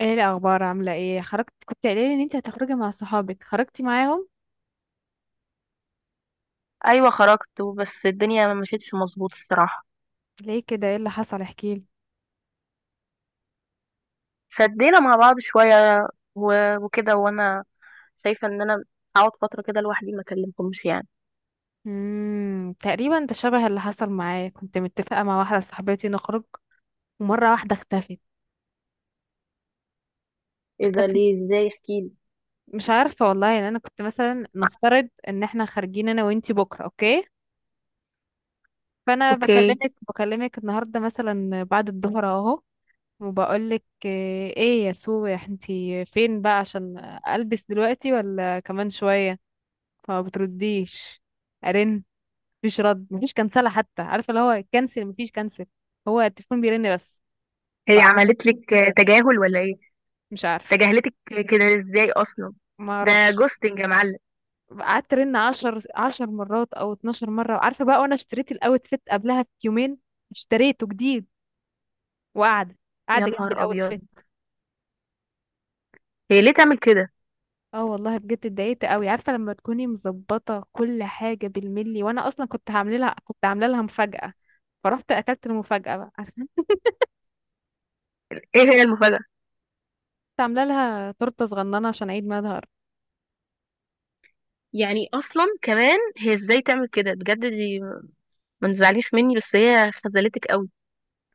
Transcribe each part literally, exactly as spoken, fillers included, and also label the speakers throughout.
Speaker 1: ايه الاخبار، عامله ايه؟ خرجت؟ كنت قايله لي ان انت هتخرجي مع صحابك، خرجتي معاهم؟
Speaker 2: ايوه خرجت بس الدنيا ما مشيتش مظبوط الصراحه.
Speaker 1: ليه كده؟ ايه اللي حصل؟ احكي لي.
Speaker 2: شدينا مع بعض شويه و- وكده. وانا شايفه ان انا اقعد فتره كده لوحدي ما اكلمكمش يعني.
Speaker 1: امم تقريبا ده شبه اللي حصل معايا. كنت متفقه مع واحده صاحبتي نخرج، ومره واحده اختفت.
Speaker 2: ايه ده؟
Speaker 1: اختفت.
Speaker 2: ليه؟ ازاي؟ احكيلي.
Speaker 1: مش عارفه والله. يعني انا كنت مثلا نفترض ان احنا خارجين انا وانتي بكره، اوكي؟ فانا
Speaker 2: اوكي،
Speaker 1: بكلمك بكلمك النهارده مثلا بعد الظهر، اهو. وبقولك، ايه يا سو انتي فين بقى؟ عشان البس دلوقتي ولا كمان شويه؟ فما بترديش. ارن. مفيش رد، مفيش كنسله حتى، عارفه اللي هو كنسل؟ مفيش كنسل، هو التليفون بيرن بس.
Speaker 2: هي عملت لك تجاهل ولا ايه؟
Speaker 1: فمش عارف.
Speaker 2: تجاهلتك كده ازاي اصلا؟
Speaker 1: ما
Speaker 2: ده
Speaker 1: اعرفش.
Speaker 2: جوستنج يا معلم.
Speaker 1: قعدت ارن عشر عشر مرات او اتناشر مره، عارفه بقى؟ وانا اشتريت الاوت فيت قبلها بيومين، اشتريته جديد، وقاعده
Speaker 2: يا
Speaker 1: قاعده جنب
Speaker 2: نهار
Speaker 1: الاوت
Speaker 2: ابيض،
Speaker 1: فيت.
Speaker 2: هي ليه تعمل كده؟
Speaker 1: اه والله بجد اتضايقت قوي، عارفه لما تكوني مظبطه كل حاجه بالملي؟ وانا اصلا كنت هعمل لها، كنت عامله لها مفاجاه. فرحت اكلت المفاجاه بقى، عارفه؟
Speaker 2: ايه هي المفاجأة؟
Speaker 1: كنت عامله لها تورته صغننه عشان عيد ميلادها.
Speaker 2: يعني اصلا كمان هي ازاي تعمل كده؟ بجد دي، ما تزعليش مني، بس هي خذلتك قوي.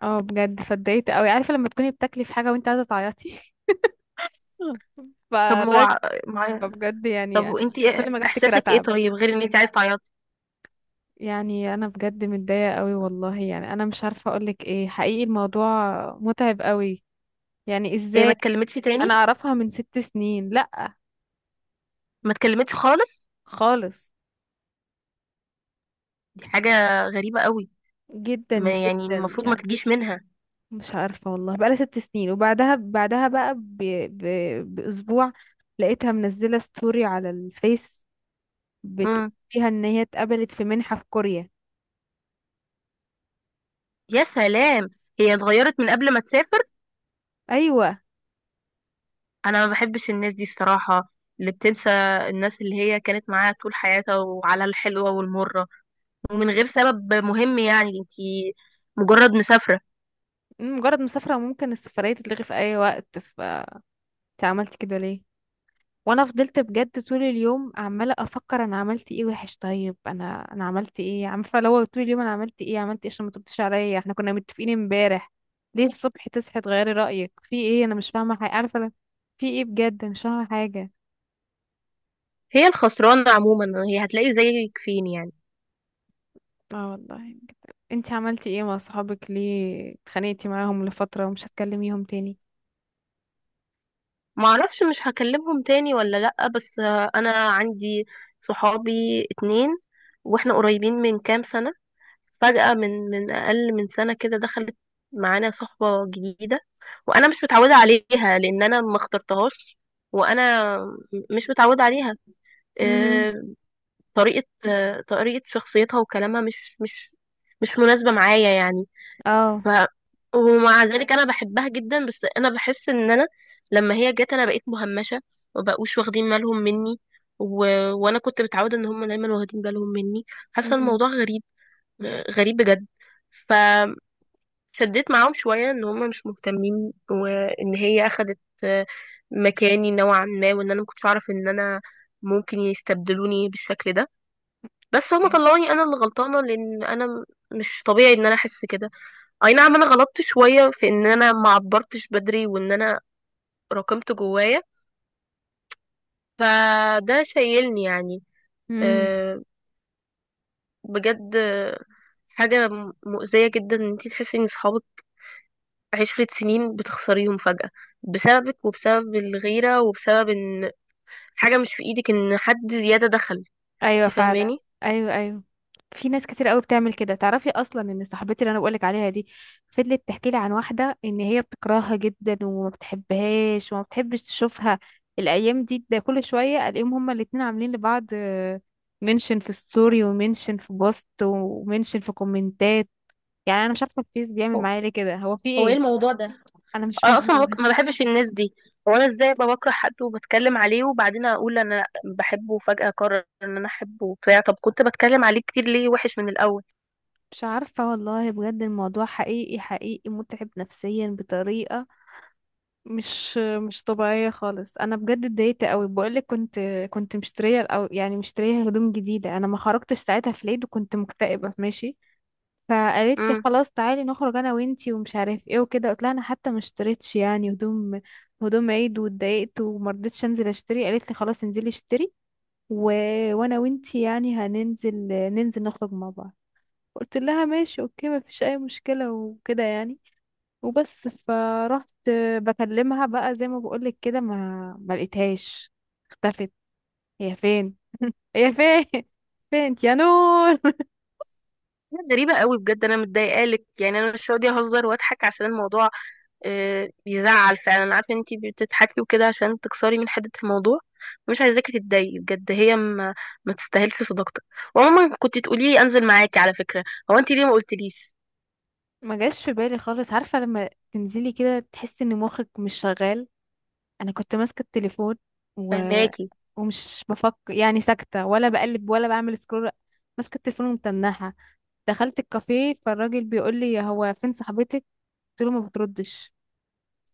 Speaker 1: اه بجد، فاتضايقت قوي، عارفه لما تكوني بتاكلي في حاجه وانت عايزه تعيطي؟
Speaker 2: طب
Speaker 1: فراك.
Speaker 2: هو،
Speaker 1: فبجد
Speaker 2: طب
Speaker 1: يعني انا،
Speaker 2: وانتي،
Speaker 1: كل ما اجي افتكر
Speaker 2: احساسك ايه
Speaker 1: اتعب.
Speaker 2: طيب غير ان انتي عايزه تعيطي؟
Speaker 1: يعني انا بجد متضايقه قوي والله، يعني انا مش عارفه اقولك ايه حقيقي. الموضوع متعب قوي. يعني
Speaker 2: هي ما
Speaker 1: ازاي؟
Speaker 2: اتكلمتش تاني؟
Speaker 1: انا اعرفها من ست سنين. لا.
Speaker 2: ما اتكلمتش خالص؟
Speaker 1: خالص.
Speaker 2: دي حاجه غريبه قوي.
Speaker 1: جدا
Speaker 2: ما يعني
Speaker 1: جدا
Speaker 2: المفروض ما
Speaker 1: يعني.
Speaker 2: تجيش منها.
Speaker 1: مش عارفه والله، بقالها ست سنين، وبعدها بعدها بقى ب... ب... باسبوع لقيتها منزله ستوري على الفيس، بتقول
Speaker 2: امم.
Speaker 1: فيها ان هي اتقبلت في منحه في كوريا.
Speaker 2: يا سلام، هي اتغيرت من قبل ما تسافر.
Speaker 1: ايوه.
Speaker 2: انا ما بحبش الناس دي الصراحه، اللي بتنسى الناس اللي هي كانت معاها طول حياتها وعلى الحلوه والمره ومن غير سبب مهم. يعني انتي مجرد مسافره.
Speaker 1: مجرد مسافره ممكن السفريه تتلغي في اي وقت، ف انت عملت كده ليه؟ وانا فضلت بجد طول اليوم عماله افكر، انا عملت ايه وحش؟ طيب انا انا عملت ايه، عارفه؟ لو طول اليوم انا عملت ايه، عملت ايه عشان ما تردش عليا؟ احنا كنا متفقين امبارح. ليه الصبح تصحي تغيري رايك؟ في ايه؟ انا مش فاهمه حاجه، عارفه؟ لا- في ايه بجد؟ مش فاهمه حاجه.
Speaker 2: هي الخسرانه عموما، هي هتلاقي زيك فين يعني؟
Speaker 1: اه والله. انت عملتي ايه مع صحابك؟ ليه اتخانقتي معاهم لفتره ومش هتكلميهم تاني؟
Speaker 2: معرفش مش هكلمهم تاني ولا لأ، بس آه، انا عندي صحابي اتنين، واحنا قريبين من كام سنة. فجأة من من اقل من سنة كده دخلت معانا صحبة جديدة، وانا مش متعودة عليها لان انا ما اخترتهاش، وانا م- مش متعودة عليها.
Speaker 1: امم.
Speaker 2: آه، طريقة، آه، طريقة شخصيتها وكلامها مش مش مش مناسبة معايا يعني.
Speaker 1: اه.
Speaker 2: ف ومع ذلك انا بحبها جدا، بس انا بحس ان انا لما هي جت انا بقيت مهمشه وبقوش واخدين بالهم مني. و... وانا كنت متعوده ان هم دايما واخدين بالهم مني. حاسه الموضوع غريب، غريب بجد. فشديت معاهم شويه ان هم مش مهتمين وان هي اخدت مكاني نوعا ما، وان انا ما كنتش اعرف ان انا ممكن يستبدلوني بالشكل ده. بس هم طلعوني انا اللي غلطانه، لان انا مش طبيعي ان انا احس كده. اي نعم انا غلطت شوية في ان انا ما عبرتش بدري وان انا راكمت جوايا، فده شايلني يعني.
Speaker 1: امم.
Speaker 2: أه بجد، آه، حاجة م- مؤذية جدا ان انتي تحسي ان صحابك عشرة سنين بتخسريهم فجأة بسببك وبسبب الغيرة وبسبب ان حاجة مش في ايدك، ان حد زيادة دخل.
Speaker 1: ايوه
Speaker 2: انتي
Speaker 1: فعلا.
Speaker 2: فاهماني؟
Speaker 1: ايوه ايوه. في ناس كتير قوي بتعمل كده، تعرفي اصلا ان صاحبتي اللي انا بقولك عليها دي فضلت تحكي لي عن واحده ان هي بتكرهها جدا وما بتحبهاش وما بتحبش تشوفها. الايام دي ده كل شويه الاقيهم هما الاتنين عاملين لبعض منشن في الستوري، ومنشن في بوست، ومنشن في كومنتات. يعني انا مش عارفه الفيس بيعمل
Speaker 2: هو،
Speaker 1: معايا ليه كده، هو في
Speaker 2: هو ايه
Speaker 1: ايه؟
Speaker 2: الموضوع ده؟
Speaker 1: انا مش
Speaker 2: انا اصلا
Speaker 1: فاهمه
Speaker 2: ما
Speaker 1: بجد.
Speaker 2: بك... ما بحبش الناس دي. هو انا ازاي ابقى بكره حد وبتكلم عليه وبعدين اقول انا بحبه، وفجأة اقرر ان انا احبه وبتاع؟ طب كنت بتكلم عليه كتير ليه وحش من الاول؟
Speaker 1: مش عارفه والله بجد الموضوع حقيقي حقيقي متعب نفسيا بطريقه مش مش طبيعية خالص. انا بجد اتضايقت قوي، بقولك كنت كنت مشترية، او يعني مشترية هدوم جديدة، انا ما خرجتش ساعتها في العيد وكنت مكتئبة ماشي. فقالت لي
Speaker 2: امم.
Speaker 1: خلاص تعالي نخرج انا وانتي ومش عارف ايه وكده. قلت لها انا حتى ما اشتريتش يعني هدوم، هدوم عيد، واتضايقت وما رضيتش انزل اشتري. قالت لي خلاص انزلي اشتري و... وانا وانتي يعني هننزل ننزل نخرج مع بعض. قلت لها ماشي اوكي، ما فيش اي مشكلة وكده يعني. وبس فرحت. بكلمها بقى زي ما بقولك كده ما ما لقيتهاش. اختفت. هي فين؟ هي فين؟ فين انت يا نور؟
Speaker 2: غريبة قوي بجد، انا متضايقه لك. يعني انا مش راضيه اهزر واضحك عشان الموضوع آه، بيزعل فعلا. انا عارفه ان انتي بتضحكي وكده عشان تكسري من حده الموضوع. مش عايزاكي تتضايقي بجد. هي ما, ما تستاهلش صداقتك. وعموما كنت تقولي انزل معاكي على فكره. هو انتي ليه ما قلتليش؟
Speaker 1: ما جاش في بالي خالص، عارفة لما تنزلي كده تحسي ان مخك مش شغال؟ انا كنت ماسكة التليفون و...
Speaker 2: فهماكي؟
Speaker 1: ومش بفكر يعني، ساكتة، ولا بقلب ولا بعمل سكرول. ماسكة التليفون ومتنحة. دخلت الكافيه فالراجل بيقول لي هو فين صاحبتك؟ قلت له ما بتردش.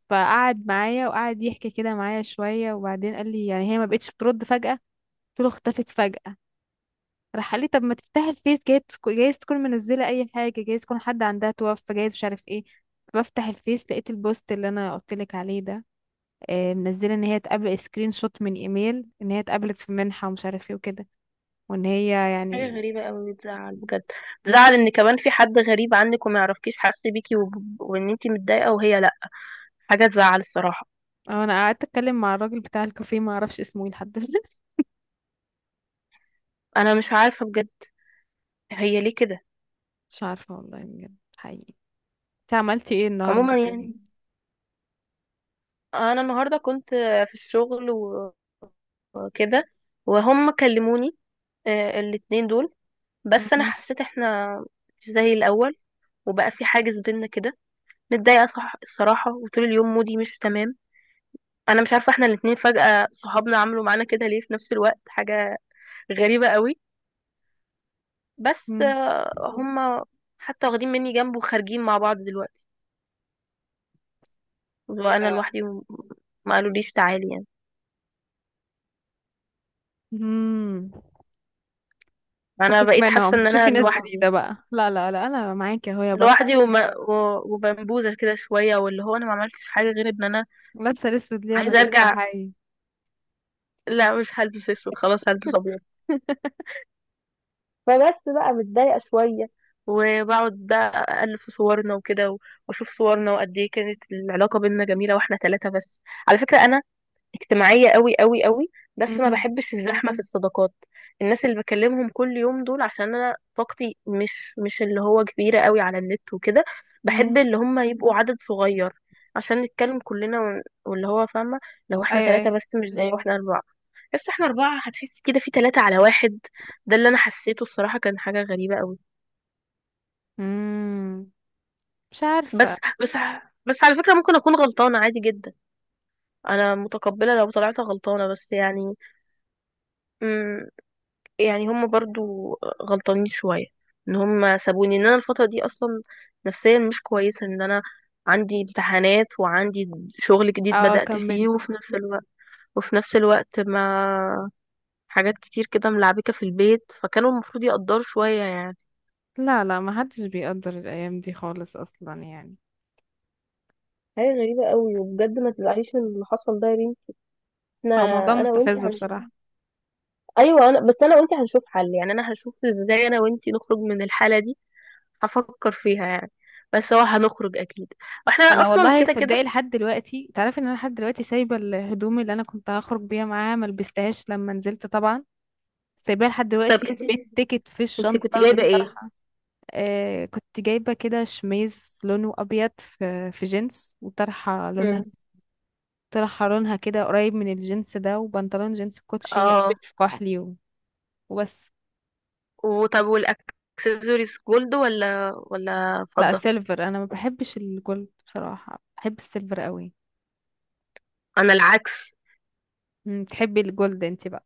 Speaker 1: فقعد معايا وقعد يحكي كده معايا شوية، وبعدين قال لي يعني هي ما بقتش بترد فجأة؟ قلت له اختفت فجأة. راح قال لي طب ما تفتح الفيس، جايز تك- جايز تكون منزلة أي حاجة، جايز تكون حد عندها توفى، جايز مش عارف ايه. بفتح الفيس لقيت البوست اللي انا قلت لك عليه ده، آه، منزله ان هي اتقابل سكرين شوت من ايميل ان هي اتقابلت في منحة ومش عارف ايه وكده، وان هي
Speaker 2: حاجة
Speaker 1: يعني.
Speaker 2: غريبة قوي، بتزعل بجد. بتزعل ان كمان في حد غريب عنك وما يعرفكيش حاسس بيكي وب... وان انتي متضايقة وهي لا. حاجة تزعل الصراحة.
Speaker 1: اه. انا قعدت اتكلم مع الراجل بتاع الكافيه ما اعرفش اسمه ايه لحد دلوقتي.
Speaker 2: انا مش عارفة بجد هي ليه كده.
Speaker 1: مش عارفه والله بجد حقيقي. انت عملتي ايه النهارده
Speaker 2: عموما
Speaker 1: في يوم؟
Speaker 2: يعني انا النهاردة كنت في الشغل و- وكده، وهم كلموني آه، الاتنين دول. بس انا
Speaker 1: مهم.
Speaker 2: حسيت احنا مش زي الاول وبقى في حاجز بينا كده. متضايقة صح- الصراحة، وطول اليوم مودي مش تمام. انا مش عارفة احنا الاتنين فجأة صحابنا عملوا معانا كده ليه في نفس الوقت. حاجة غريبة قوي. بس
Speaker 1: مم.
Speaker 2: آه، هم حتى واخدين مني جنب وخارجين مع بعض دلوقتي، وانا لوحدي وم- ما قالوليش تعالي يعني.
Speaker 1: امم.
Speaker 2: انا
Speaker 1: فكك
Speaker 2: بقيت حاسه
Speaker 1: منهم،
Speaker 2: ان انا
Speaker 1: شوفي ناس
Speaker 2: لوحدي،
Speaker 1: جديدة بقى. لا لا لا، انا معاكي اهو يا بط.
Speaker 2: لوحدي، وما و- وبنبوزه كده شويه، واللي هو انا ما عملتش حاجه غير ان انا
Speaker 1: لابسة الاسود ليه وانا
Speaker 2: عايزه
Speaker 1: لسه
Speaker 2: ارجع.
Speaker 1: حي؟
Speaker 2: لا مش هلبس اسود، خلاص هلبس ابيض. فبس بقى متضايقه شويه، وبقعد بقى ألف في صورنا وكده و- وأشوف صورنا وقد إيه كانت العلاقة بينا جميلة وإحنا ثلاثة بس. على فكرة أنا اجتماعية قوي قوي قوي، بس ما
Speaker 1: امم.
Speaker 2: بحبش الزحمة في الصداقات، الناس اللي بكلمهم كل يوم دول، عشان انا طاقتي مش مش اللي هو كبيرة قوي على النت وكده. بحب
Speaker 1: امم.
Speaker 2: اللي هم يبقوا عدد صغير عشان نتكلم كلنا ون- واللي هو فاهمة. لو احنا
Speaker 1: ايوه
Speaker 2: ثلاثة
Speaker 1: ايوه.
Speaker 2: بس مش زي واحنا أربعة. بس احنا أربعة هتحس كده في ثلاثة على واحد. ده اللي أنا حسيته الصراحة، كان حاجة غريبة قوي.
Speaker 1: امم. مش
Speaker 2: بس
Speaker 1: عارفة.
Speaker 2: بس بس على فكرة ممكن أكون غلطانة عادي جدا. أنا متقبلة لو طلعت غلطانة، بس يعني يعني هم برضو غلطانين شوية ان هم سابوني، ان انا الفترة دي اصلا نفسيا مش كويسة، ان انا عندي امتحانات وعندي شغل جديد
Speaker 1: اه
Speaker 2: بدأت فيه
Speaker 1: كملي.
Speaker 2: وفي نفس الوقت، وفي نفس الوقت ما حاجات كتير كده ملعبكة في البيت، فكانوا المفروض يقدروا شوية يعني.
Speaker 1: لا لا، ما حدش بيقدر الايام دي خالص اصلا يعني.
Speaker 2: حاجة غريبة قوي، وبجد ما تزعليش من اللي حصل ده يا بنتي. احنا
Speaker 1: هو موضوع
Speaker 2: انا وانتي
Speaker 1: مستفز
Speaker 2: هنشوف.
Speaker 1: بصراحة.
Speaker 2: ايوه انا، بس انا وانتي هنشوف حل. يعني انا هشوف ازاي انا وانتي نخرج من الحالة دي، هفكر فيها يعني. بس هو هنخرج اكيد، واحنا
Speaker 1: انا
Speaker 2: اصلا
Speaker 1: والله
Speaker 2: كده
Speaker 1: صدقي
Speaker 2: كده.
Speaker 1: لحد دلوقتي، تعرفي ان انا لحد دلوقتي سايبة الهدوم اللي انا كنت هخرج بيها معاها، ما لبستهاش لما نزلت طبعا. سايباها لحد
Speaker 2: طب
Speaker 1: دلوقتي
Speaker 2: انت،
Speaker 1: بالتيكت في
Speaker 2: انت كنت
Speaker 1: الشنطة
Speaker 2: جايبه ايه؟
Speaker 1: بالطرحة. آه كنت جايبة كده شميز لونه أبيض في, في جينز، وطرحة لونها،
Speaker 2: مم.
Speaker 1: طرحة لونها كده قريب من الجينز ده، وبنطلون جينز، كوتشي أبيض
Speaker 2: اه.
Speaker 1: في كحلي، و- وبس.
Speaker 2: وطب والاكسسوارز جولد ولا ولا
Speaker 1: لا،
Speaker 2: فضه؟
Speaker 1: سيلفر، أنا ما بحبش الجولد بصراحة، بحب السيلفر قوي.
Speaker 2: انا العكس.
Speaker 1: مم، تحبي الجولد انت بقى.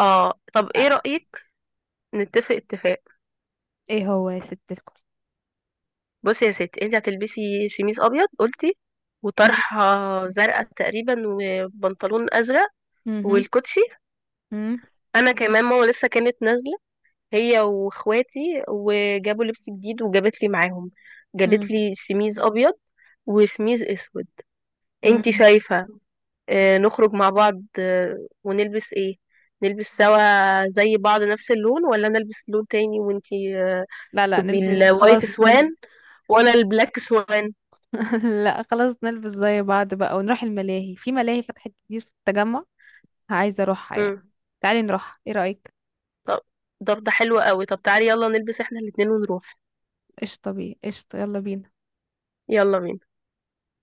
Speaker 2: اه، طب ايه
Speaker 1: آه.
Speaker 2: رايك نتفق اتفاق؟
Speaker 1: ايه هو يا ست الكل؟
Speaker 2: بصي يا ستي، انت هتلبسي شميس ابيض قلتي
Speaker 1: مم،
Speaker 2: وطرحه زرقاء تقريبا وبنطلون ازرق
Speaker 1: مهم،
Speaker 2: والكوتشي.
Speaker 1: مم،
Speaker 2: انا كمان ماما لسه كانت نازله هي واخواتي وجابوا لبس جديد وجابت لي معاهم، جابت
Speaker 1: مم،
Speaker 2: لي سميز ابيض وسميز اسود. انتي
Speaker 1: مم.
Speaker 2: شايفة آه، نخرج مع بعض آه، ونلبس ايه؟ نلبس سوا زي بعض نفس اللون، ولا انا البس لون تاني وانتي آه،
Speaker 1: لا لا
Speaker 2: تبقي
Speaker 1: نلبس،
Speaker 2: الوايت
Speaker 1: خلاص نلبس.
Speaker 2: سوان وانا البلاك سوان؟
Speaker 1: لا خلاص، نلبس زي بعض بقى ونروح الملاهي، في ملاهي فتحت كتير في التجمع، عايزة اروحها يعني.
Speaker 2: مم.
Speaker 1: تعالي نروح، ايه رأيك؟
Speaker 2: طب، طب ده حلو قوي، طب تعالي يلا نلبس احنا الاتنين ونروح.
Speaker 1: قشطة بيه قشطة، يلا بينا.
Speaker 2: يلا بينا.